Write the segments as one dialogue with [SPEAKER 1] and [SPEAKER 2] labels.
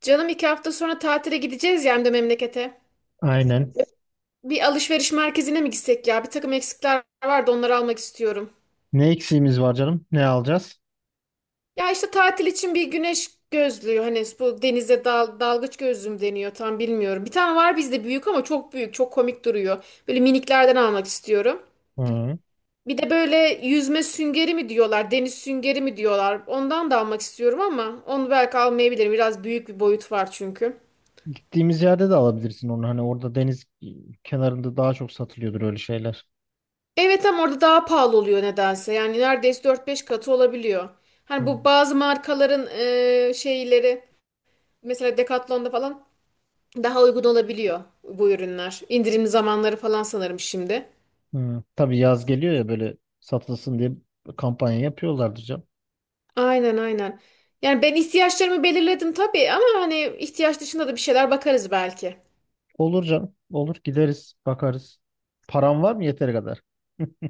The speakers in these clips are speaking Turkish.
[SPEAKER 1] Canım 2 hafta sonra tatile gideceğiz ya hem de memlekete.
[SPEAKER 2] Aynen.
[SPEAKER 1] Bir alışveriş merkezine mi gitsek ya? Bir takım eksikler vardı onları almak istiyorum.
[SPEAKER 2] Ne eksiğimiz var canım? Ne alacağız?
[SPEAKER 1] Ya işte tatil için bir güneş gözlüğü hani bu denize dalgıç gözlüğü mü deniyor tam bilmiyorum. Bir tane var bizde büyük ama çok büyük çok komik duruyor. Böyle miniklerden almak istiyorum.
[SPEAKER 2] Hı.
[SPEAKER 1] Bir de böyle yüzme süngeri mi diyorlar deniz süngeri mi diyorlar ondan da almak istiyorum ama onu belki almayabilirim biraz büyük bir boyut var çünkü.
[SPEAKER 2] Gittiğimiz yerde de alabilirsin onu. Hani orada deniz kenarında daha çok satılıyordur öyle şeyler.
[SPEAKER 1] Evet ama orada daha pahalı oluyor nedense. Yani neredeyse dört beş katı olabiliyor. Hani
[SPEAKER 2] Hı.
[SPEAKER 1] bu bazı markaların şeyleri mesela Decathlon'da falan daha uygun olabiliyor bu ürünler. İndirim zamanları falan sanırım şimdi.
[SPEAKER 2] Hı. Tabii yaz geliyor ya böyle satılsın diye kampanya yapıyorlardır canım.
[SPEAKER 1] Aynen, aynen. Yani ben ihtiyaçlarımı belirledim tabii ama hani ihtiyaç dışında da bir şeyler bakarız belki.
[SPEAKER 2] Olur canım. Olur. Gideriz. Bakarız. Param var mı yeteri kadar?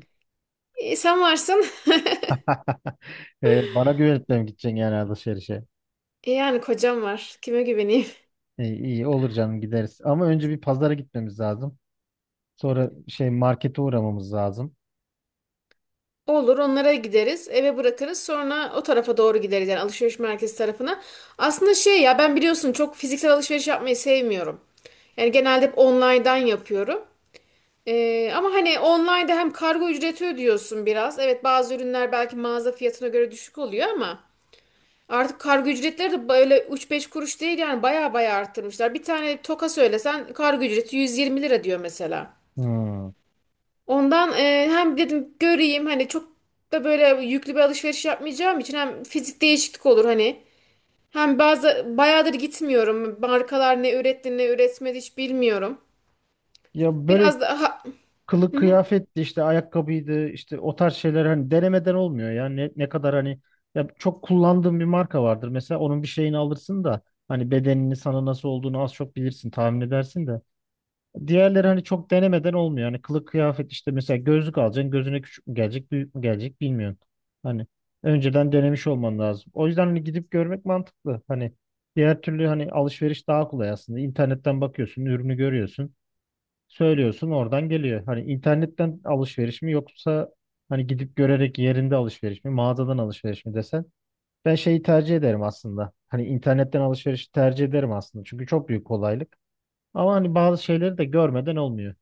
[SPEAKER 1] Sen varsın.
[SPEAKER 2] Bana güvenip de mi gideceksin yani alışverişe?
[SPEAKER 1] Yani kocam var. Kime güveneyim?
[SPEAKER 2] İyi, iyi olur canım gideriz. Ama önce bir pazara gitmemiz lazım. Sonra şey markete uğramamız lazım.
[SPEAKER 1] Olur, onlara gideriz, eve bırakırız, sonra o tarafa doğru gideriz yani alışveriş merkezi tarafına. Aslında şey ya, ben biliyorsun çok fiziksel alışveriş yapmayı sevmiyorum. Yani genelde hep online'dan yapıyorum. Ama hani online'da hem kargo ücreti ödüyorsun biraz. Evet, bazı ürünler belki mağaza fiyatına göre düşük oluyor ama artık kargo ücretleri de böyle üç beş kuruş değil yani baya baya arttırmışlar. Bir tane toka söylesen kargo ücreti 120 lira diyor mesela.
[SPEAKER 2] Hmm.
[SPEAKER 1] Ondan hem dedim göreyim hani çok da böyle yüklü bir alışveriş yapmayacağım için hem fizik değişiklik olur hani. Hem bazı bayağıdır gitmiyorum. Markalar ne üretti ne üretmedi hiç bilmiyorum.
[SPEAKER 2] Ya böyle
[SPEAKER 1] Biraz daha,
[SPEAKER 2] kılık kıyafetti işte ayakkabıydı işte o tarz şeyler hani denemeden olmuyor ya ne kadar hani, ya çok kullandığım bir marka vardır mesela onun bir şeyini alırsın da hani bedenini sana nasıl olduğunu az çok bilirsin tahmin edersin de diğerleri hani çok denemeden olmuyor yani kılık kıyafet, işte mesela gözlük alacaksın gözüne küçük mü gelecek büyük mü gelecek bilmiyorsun, hani önceden denemiş olman lazım. O yüzden hani gidip görmek mantıklı. Hani diğer türlü hani alışveriş daha kolay aslında, internetten bakıyorsun, ürünü görüyorsun, söylüyorsun oradan geliyor. Hani internetten alışveriş mi yoksa hani gidip görerek yerinde alışveriş mi, mağazadan alışveriş mi desen, ben şeyi tercih ederim aslında. Hani internetten alışverişi tercih ederim aslında. Çünkü çok büyük kolaylık. Ama hani bazı şeyleri de görmeden olmuyor.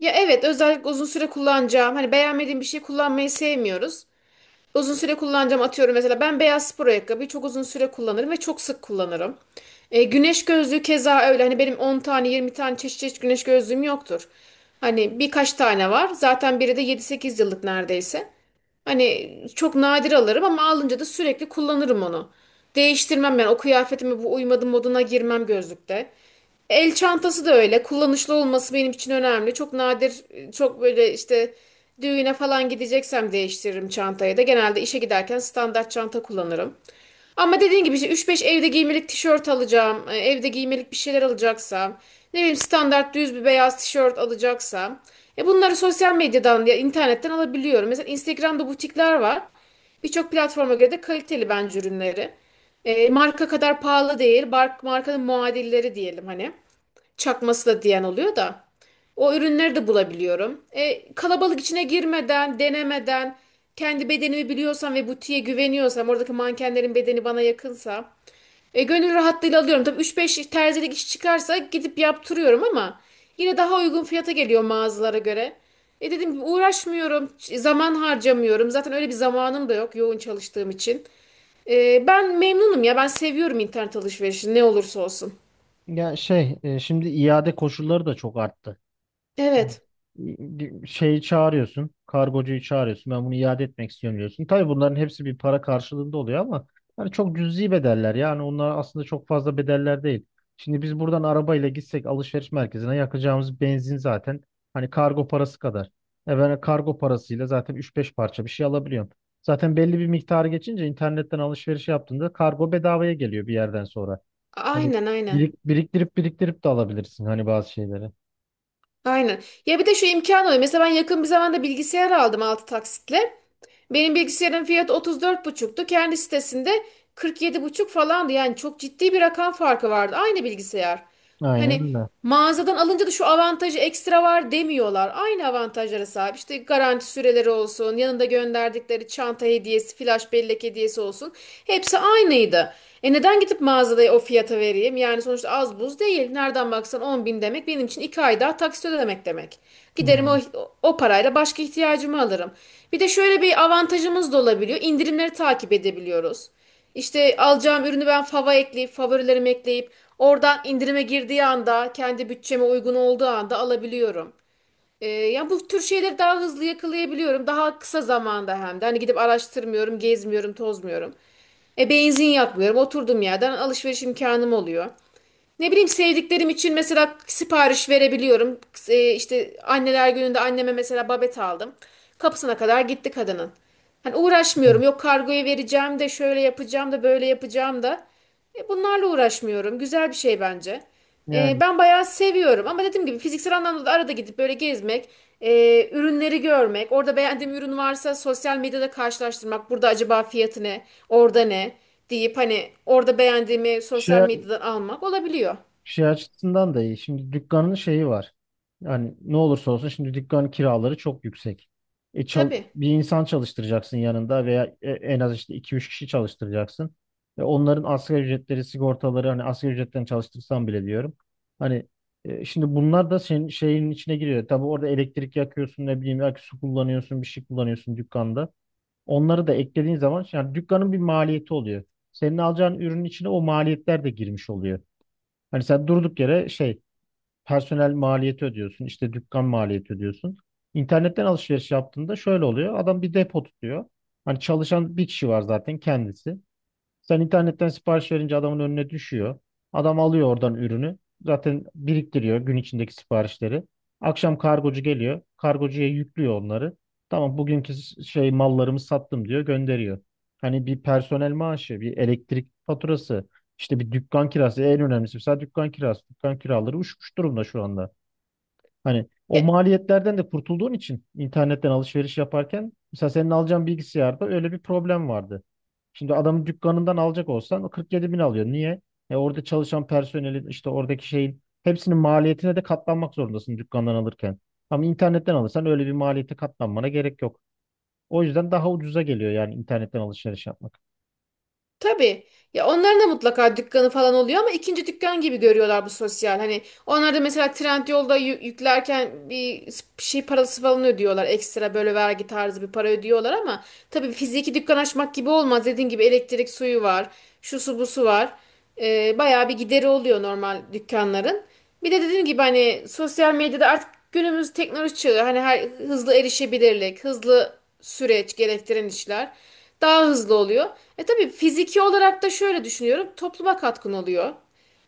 [SPEAKER 1] ya evet, özellikle uzun süre kullanacağım. Hani beğenmediğim bir şey kullanmayı sevmiyoruz. Uzun süre kullanacağım, atıyorum mesela ben beyaz spor ayakkabıyı çok uzun süre kullanırım ve çok sık kullanırım. Güneş gözlüğü keza öyle hani benim 10 tane 20 tane çeşit çeşit güneş gözlüğüm yoktur. Hani birkaç tane var zaten biri de 7-8 yıllık neredeyse. Hani çok nadir alırım ama alınca da sürekli kullanırım onu. Değiştirmem ben, o kıyafetime bu uymadı moduna girmem gözlükte. El çantası da öyle. Kullanışlı olması benim için önemli. Çok nadir, çok böyle işte düğüne falan gideceksem değiştiririm çantayı da. Genelde işe giderken standart çanta kullanırım. Ama dediğin gibi işte 3-5 evde giymelik tişört alacağım, evde giymelik bir şeyler alacaksam, ne bileyim standart düz bir beyaz tişört alacaksam, bunları sosyal medyadan ya internetten alabiliyorum. Mesela Instagram'da butikler var. Birçok platforma göre de kaliteli bence ürünleri. Marka kadar pahalı değil, markanın muadilleri diyelim hani çakması da diyen oluyor da. O ürünleri de bulabiliyorum. Kalabalık içine girmeden, denemeden, kendi bedenimi biliyorsam ve butiğe güveniyorsam, oradaki mankenlerin bedeni bana yakınsa, gönül rahatlığıyla alıyorum. Tabii üç beş terzilik iş çıkarsa gidip yaptırıyorum ama yine daha uygun fiyata geliyor mağazalara göre. Dedim ki uğraşmıyorum, zaman harcamıyorum. Zaten öyle bir zamanım da yok, yoğun çalıştığım için. Ben memnunum ya, ben seviyorum internet alışverişini ne olursa olsun.
[SPEAKER 2] Ya şey, şimdi iade koşulları da çok arttı.
[SPEAKER 1] Evet,
[SPEAKER 2] Şeyi çağırıyorsun. Kargocuyu çağırıyorsun. Ben bunu iade etmek istiyorum diyorsun. Tabii bunların hepsi bir para karşılığında oluyor ama hani çok cüzi bedeller. Yani onlar aslında çok fazla bedeller değil. Şimdi biz buradan arabayla gitsek alışveriş merkezine yakacağımız benzin zaten hani kargo parası kadar. Ben kargo parasıyla zaten üç beş parça bir şey alabiliyorum. Zaten belli bir miktarı geçince internetten alışveriş yaptığında kargo bedavaya geliyor bir yerden sonra. Hani
[SPEAKER 1] aynen, aynen.
[SPEAKER 2] biriktirip biriktirip de alabilirsin hani bazı şeyleri.
[SPEAKER 1] Aynen. Ya bir de şu imkan oluyor. Mesela ben yakın bir zamanda bilgisayar aldım 6 taksitle. Benim bilgisayarın fiyatı otuz dört buçuktu, kendi sitesinde 47,5 falandı. Yani çok ciddi bir rakam farkı vardı. Aynı bilgisayar.
[SPEAKER 2] Aynen
[SPEAKER 1] Hani
[SPEAKER 2] öyle.
[SPEAKER 1] mağazadan alınca da şu avantajı ekstra var demiyorlar. Aynı avantajlara sahip. İşte garanti süreleri olsun, yanında gönderdikleri çanta hediyesi, flash bellek hediyesi olsun. Hepsi aynıydı. Neden gidip mağazada o fiyata vereyim. Yani sonuçta az buz değil. Nereden baksan 10 bin demek benim için 2 ay daha taksit ödemek demek. Giderim, o,
[SPEAKER 2] Yani.
[SPEAKER 1] o parayla başka ihtiyacımı alırım. Bir de şöyle bir avantajımız da olabiliyor. İndirimleri takip edebiliyoruz. İşte alacağım ürünü ben fava ekleyip favorilerimi ekleyip oradan indirime girdiği anda kendi bütçeme uygun olduğu anda alabiliyorum. Yani bu tür şeyleri daha hızlı yakalayabiliyorum. Daha kısa zamanda hem de. Hani gidip araştırmıyorum, gezmiyorum, tozmuyorum. Benzin yakmıyorum. Oturduğum yerden alışveriş imkanım oluyor. Ne bileyim, sevdiklerim için mesela sipariş verebiliyorum. E, işte anneler gününde anneme mesela babet aldım. Kapısına kadar gitti kadının. Hani
[SPEAKER 2] Yani
[SPEAKER 1] uğraşmıyorum. Yok, kargoya vereceğim de, şöyle yapacağım da, böyle yapacağım da. Bunlarla uğraşmıyorum. Güzel bir şey bence. E,
[SPEAKER 2] yani
[SPEAKER 1] ben bayağı seviyorum ama dediğim gibi fiziksel anlamda da arada gidip böyle gezmek, ürünleri görmek, orada beğendiğim ürün varsa sosyal medyada karşılaştırmak, burada acaba fiyatı ne, orada ne deyip hani orada beğendiğimi sosyal
[SPEAKER 2] şey,
[SPEAKER 1] medyadan almak olabiliyor.
[SPEAKER 2] şey açısından da iyi. Şimdi dükkanın şeyi var. Yani ne olursa olsun şimdi dükkan kiraları çok yüksek. E, çal-
[SPEAKER 1] Tabii.
[SPEAKER 2] bir insan çalıştıracaksın yanında, veya en az işte iki üç kişi çalıştıracaksın. Ve onların asgari ücretleri, sigortaları, hani asgari ücretten çalıştırsan bile diyorum. Hani şimdi bunlar da senin şeyin içine giriyor. Tabii orada elektrik yakıyorsun, ne bileyim belki su kullanıyorsun, bir şey kullanıyorsun dükkanda. Onları da eklediğin zaman yani dükkanın bir maliyeti oluyor. Senin alacağın ürünün içine o maliyetler de girmiş oluyor. Hani sen durduk yere şey, personel maliyeti ödüyorsun, işte dükkan maliyeti ödüyorsun. İnternetten alışveriş yaptığında şöyle oluyor. Adam bir depo tutuyor. Hani çalışan bir kişi var zaten, kendisi. Sen internetten sipariş verince adamın önüne düşüyor. Adam alıyor oradan ürünü. Zaten biriktiriyor gün içindeki siparişleri. Akşam kargocu geliyor. Kargocuya yüklüyor onları. Tamam, bugünkü şey, mallarımı sattım diyor, gönderiyor. Hani bir personel maaşı, bir elektrik faturası, işte bir dükkan kirası, en önemlisi mesela dükkan kirası. Dükkan kiraları uçmuş durumda şu anda. Hani o maliyetlerden de kurtulduğun için internetten alışveriş yaparken, mesela senin alacağın bilgisayarda öyle bir problem vardı. Şimdi adamın dükkanından alacak olsan o 47 bin alıyor. Niye? Orada çalışan personelin, işte oradaki şeyin hepsinin maliyetine de katlanmak zorundasın dükkandan alırken. Ama internetten alırsan öyle bir maliyete katlanmana gerek yok. O yüzden daha ucuza geliyor yani internetten alışveriş yapmak.
[SPEAKER 1] Tabii. Ya onların da mutlaka dükkanı falan oluyor ama ikinci dükkan gibi görüyorlar bu sosyal. Hani onlar da mesela Trendyol'da yüklerken bir şey parası falan ödüyorlar. Ekstra böyle vergi tarzı bir para ödüyorlar ama tabii fiziki dükkan açmak gibi olmaz. Dediğin gibi elektrik suyu var. Şu su bu su var. Bayağı bir gideri oluyor normal dükkanların. Bir de dediğim gibi hani sosyal medyada artık günümüz teknoloji çağı. Hani her hızlı erişebilirlik, hızlı süreç gerektiren işler. Daha hızlı oluyor. Tabii fiziki olarak da şöyle düşünüyorum. Topluma katkın oluyor.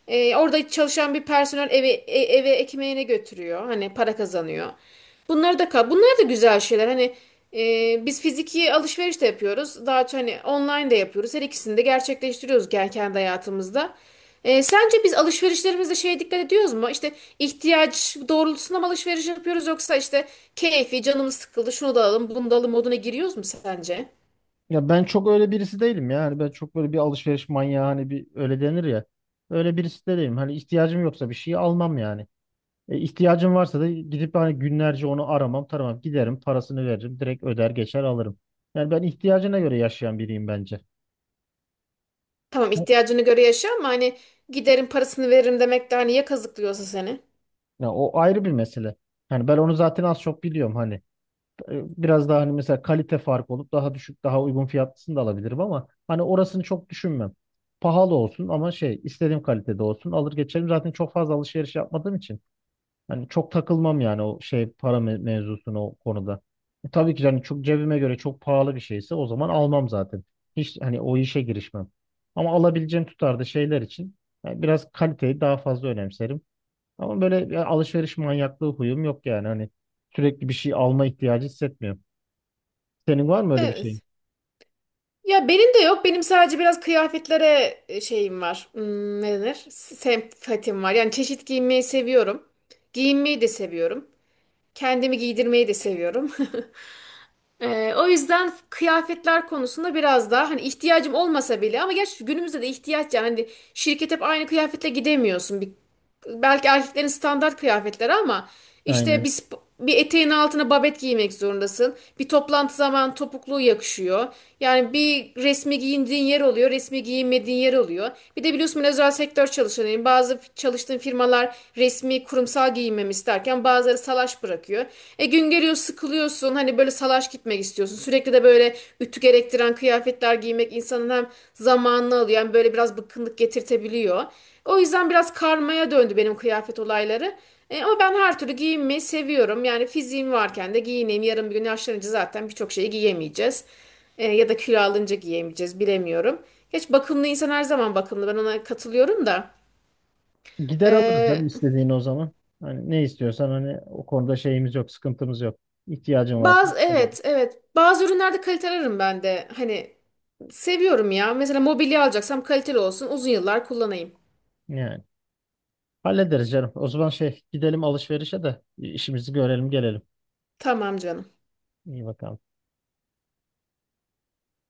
[SPEAKER 1] Orada çalışan bir personel eve, eve ekmeğine götürüyor. Hani para kazanıyor. Bunlar da güzel şeyler. Hani biz fiziki alışveriş de yapıyoruz. Daha çok hani online de yapıyoruz. Her ikisini de gerçekleştiriyoruz kendi hayatımızda. Sence biz alışverişlerimizde şeye dikkat ediyoruz mu? İşte ihtiyaç doğrultusunda mı alışveriş yapıyoruz yoksa işte keyfi canımız sıkıldı şunu da alalım bunu da alalım moduna giriyoruz mu sence?
[SPEAKER 2] Ya ben çok öyle birisi değilim ya. Hani ben çok böyle bir alışveriş manyağı, hani bir öyle denir ya, öyle birisi de değilim. Hani ihtiyacım yoksa bir şeyi almam yani. E, ihtiyacım varsa da gidip hani günlerce onu aramam, taramam. Giderim, parasını veririm, direkt öder geçer alırım. Yani ben ihtiyacına göre yaşayan biriyim bence.
[SPEAKER 1] Tamam, ihtiyacını göre yaşa ama hani giderim parasını veririm demek de hani ya kazıklıyorsa seni.
[SPEAKER 2] Ya o ayrı bir mesele. Yani ben onu zaten az çok biliyorum hani. Biraz daha hani mesela kalite farkı olup daha düşük, daha uygun fiyatlısını da alabilirim ama hani orasını çok düşünmem. Pahalı olsun ama şey, istediğim kalitede olsun alır geçerim. Zaten çok fazla alışveriş yapmadığım için. Hani çok takılmam yani o şey, para mevzusuna, o konuda. Tabii ki yani çok cebime göre çok pahalı bir şeyse, o zaman almam zaten. Hiç hani o işe girişmem. Ama alabileceğim tutarda şeyler için yani biraz kaliteyi daha fazla önemserim. Ama böyle bir alışveriş manyaklığı huyum yok yani hani sürekli bir şey alma ihtiyacı hissetmiyorum. Senin var mı öyle bir şeyin?
[SPEAKER 1] Evet. Ya benim de yok. Benim sadece biraz kıyafetlere şeyim var. Ne denir? Sempatim var. Yani çeşit giyinmeyi seviyorum. Giyinmeyi de seviyorum. Kendimi giydirmeyi de seviyorum. O yüzden kıyafetler konusunda biraz daha hani ihtiyacım olmasa bile ama gerçi günümüzde de ihtiyaç yani hani şirket hep aynı kıyafetle gidemiyorsun. Bir belki erkeklerin standart kıyafetleri ama işte
[SPEAKER 2] Aynen.
[SPEAKER 1] bir eteğin altına babet giymek zorundasın. Bir toplantı zaman topukluğu yakışıyor. Yani bir resmi giyindiğin yer oluyor, resmi giyinmediğin yer oluyor. Bir de biliyorsun ben özel sektör çalışanıyım. Bazı çalıştığım firmalar resmi kurumsal giyinmemi isterken bazıları salaş bırakıyor. Gün geliyor sıkılıyorsun hani böyle salaş gitmek istiyorsun. Sürekli de böyle ütü gerektiren kıyafetler giymek insanın hem zamanını alıyor hem böyle biraz bıkkınlık getirtebiliyor. O yüzden biraz karmaya döndü benim kıyafet olayları. Ama ben her türlü giyinmeyi seviyorum. Yani fiziğim varken de giyineyim. Yarın bir gün yaşlanınca zaten birçok şeyi giyemeyeceğiz. Ya da kilo alınca giyemeyeceğiz bilemiyorum. Geç bakımlı insan her zaman bakımlı. Ben ona katılıyorum da.
[SPEAKER 2] Gider alırız
[SPEAKER 1] E,
[SPEAKER 2] canım istediğini o zaman. Hani ne istiyorsan hani, o konuda şeyimiz yok, sıkıntımız yok. İhtiyacın varsa
[SPEAKER 1] bazı
[SPEAKER 2] gider al.
[SPEAKER 1] evet evet, bazı ürünlerde kalite ararım ben de. Hani seviyorum ya. Mesela mobilya alacaksam kaliteli olsun, uzun yıllar kullanayım.
[SPEAKER 2] Yani. Hallederiz canım. O zaman şey, gidelim alışverişe de işimizi görelim gelelim.
[SPEAKER 1] Tamam canım.
[SPEAKER 2] İyi bakalım.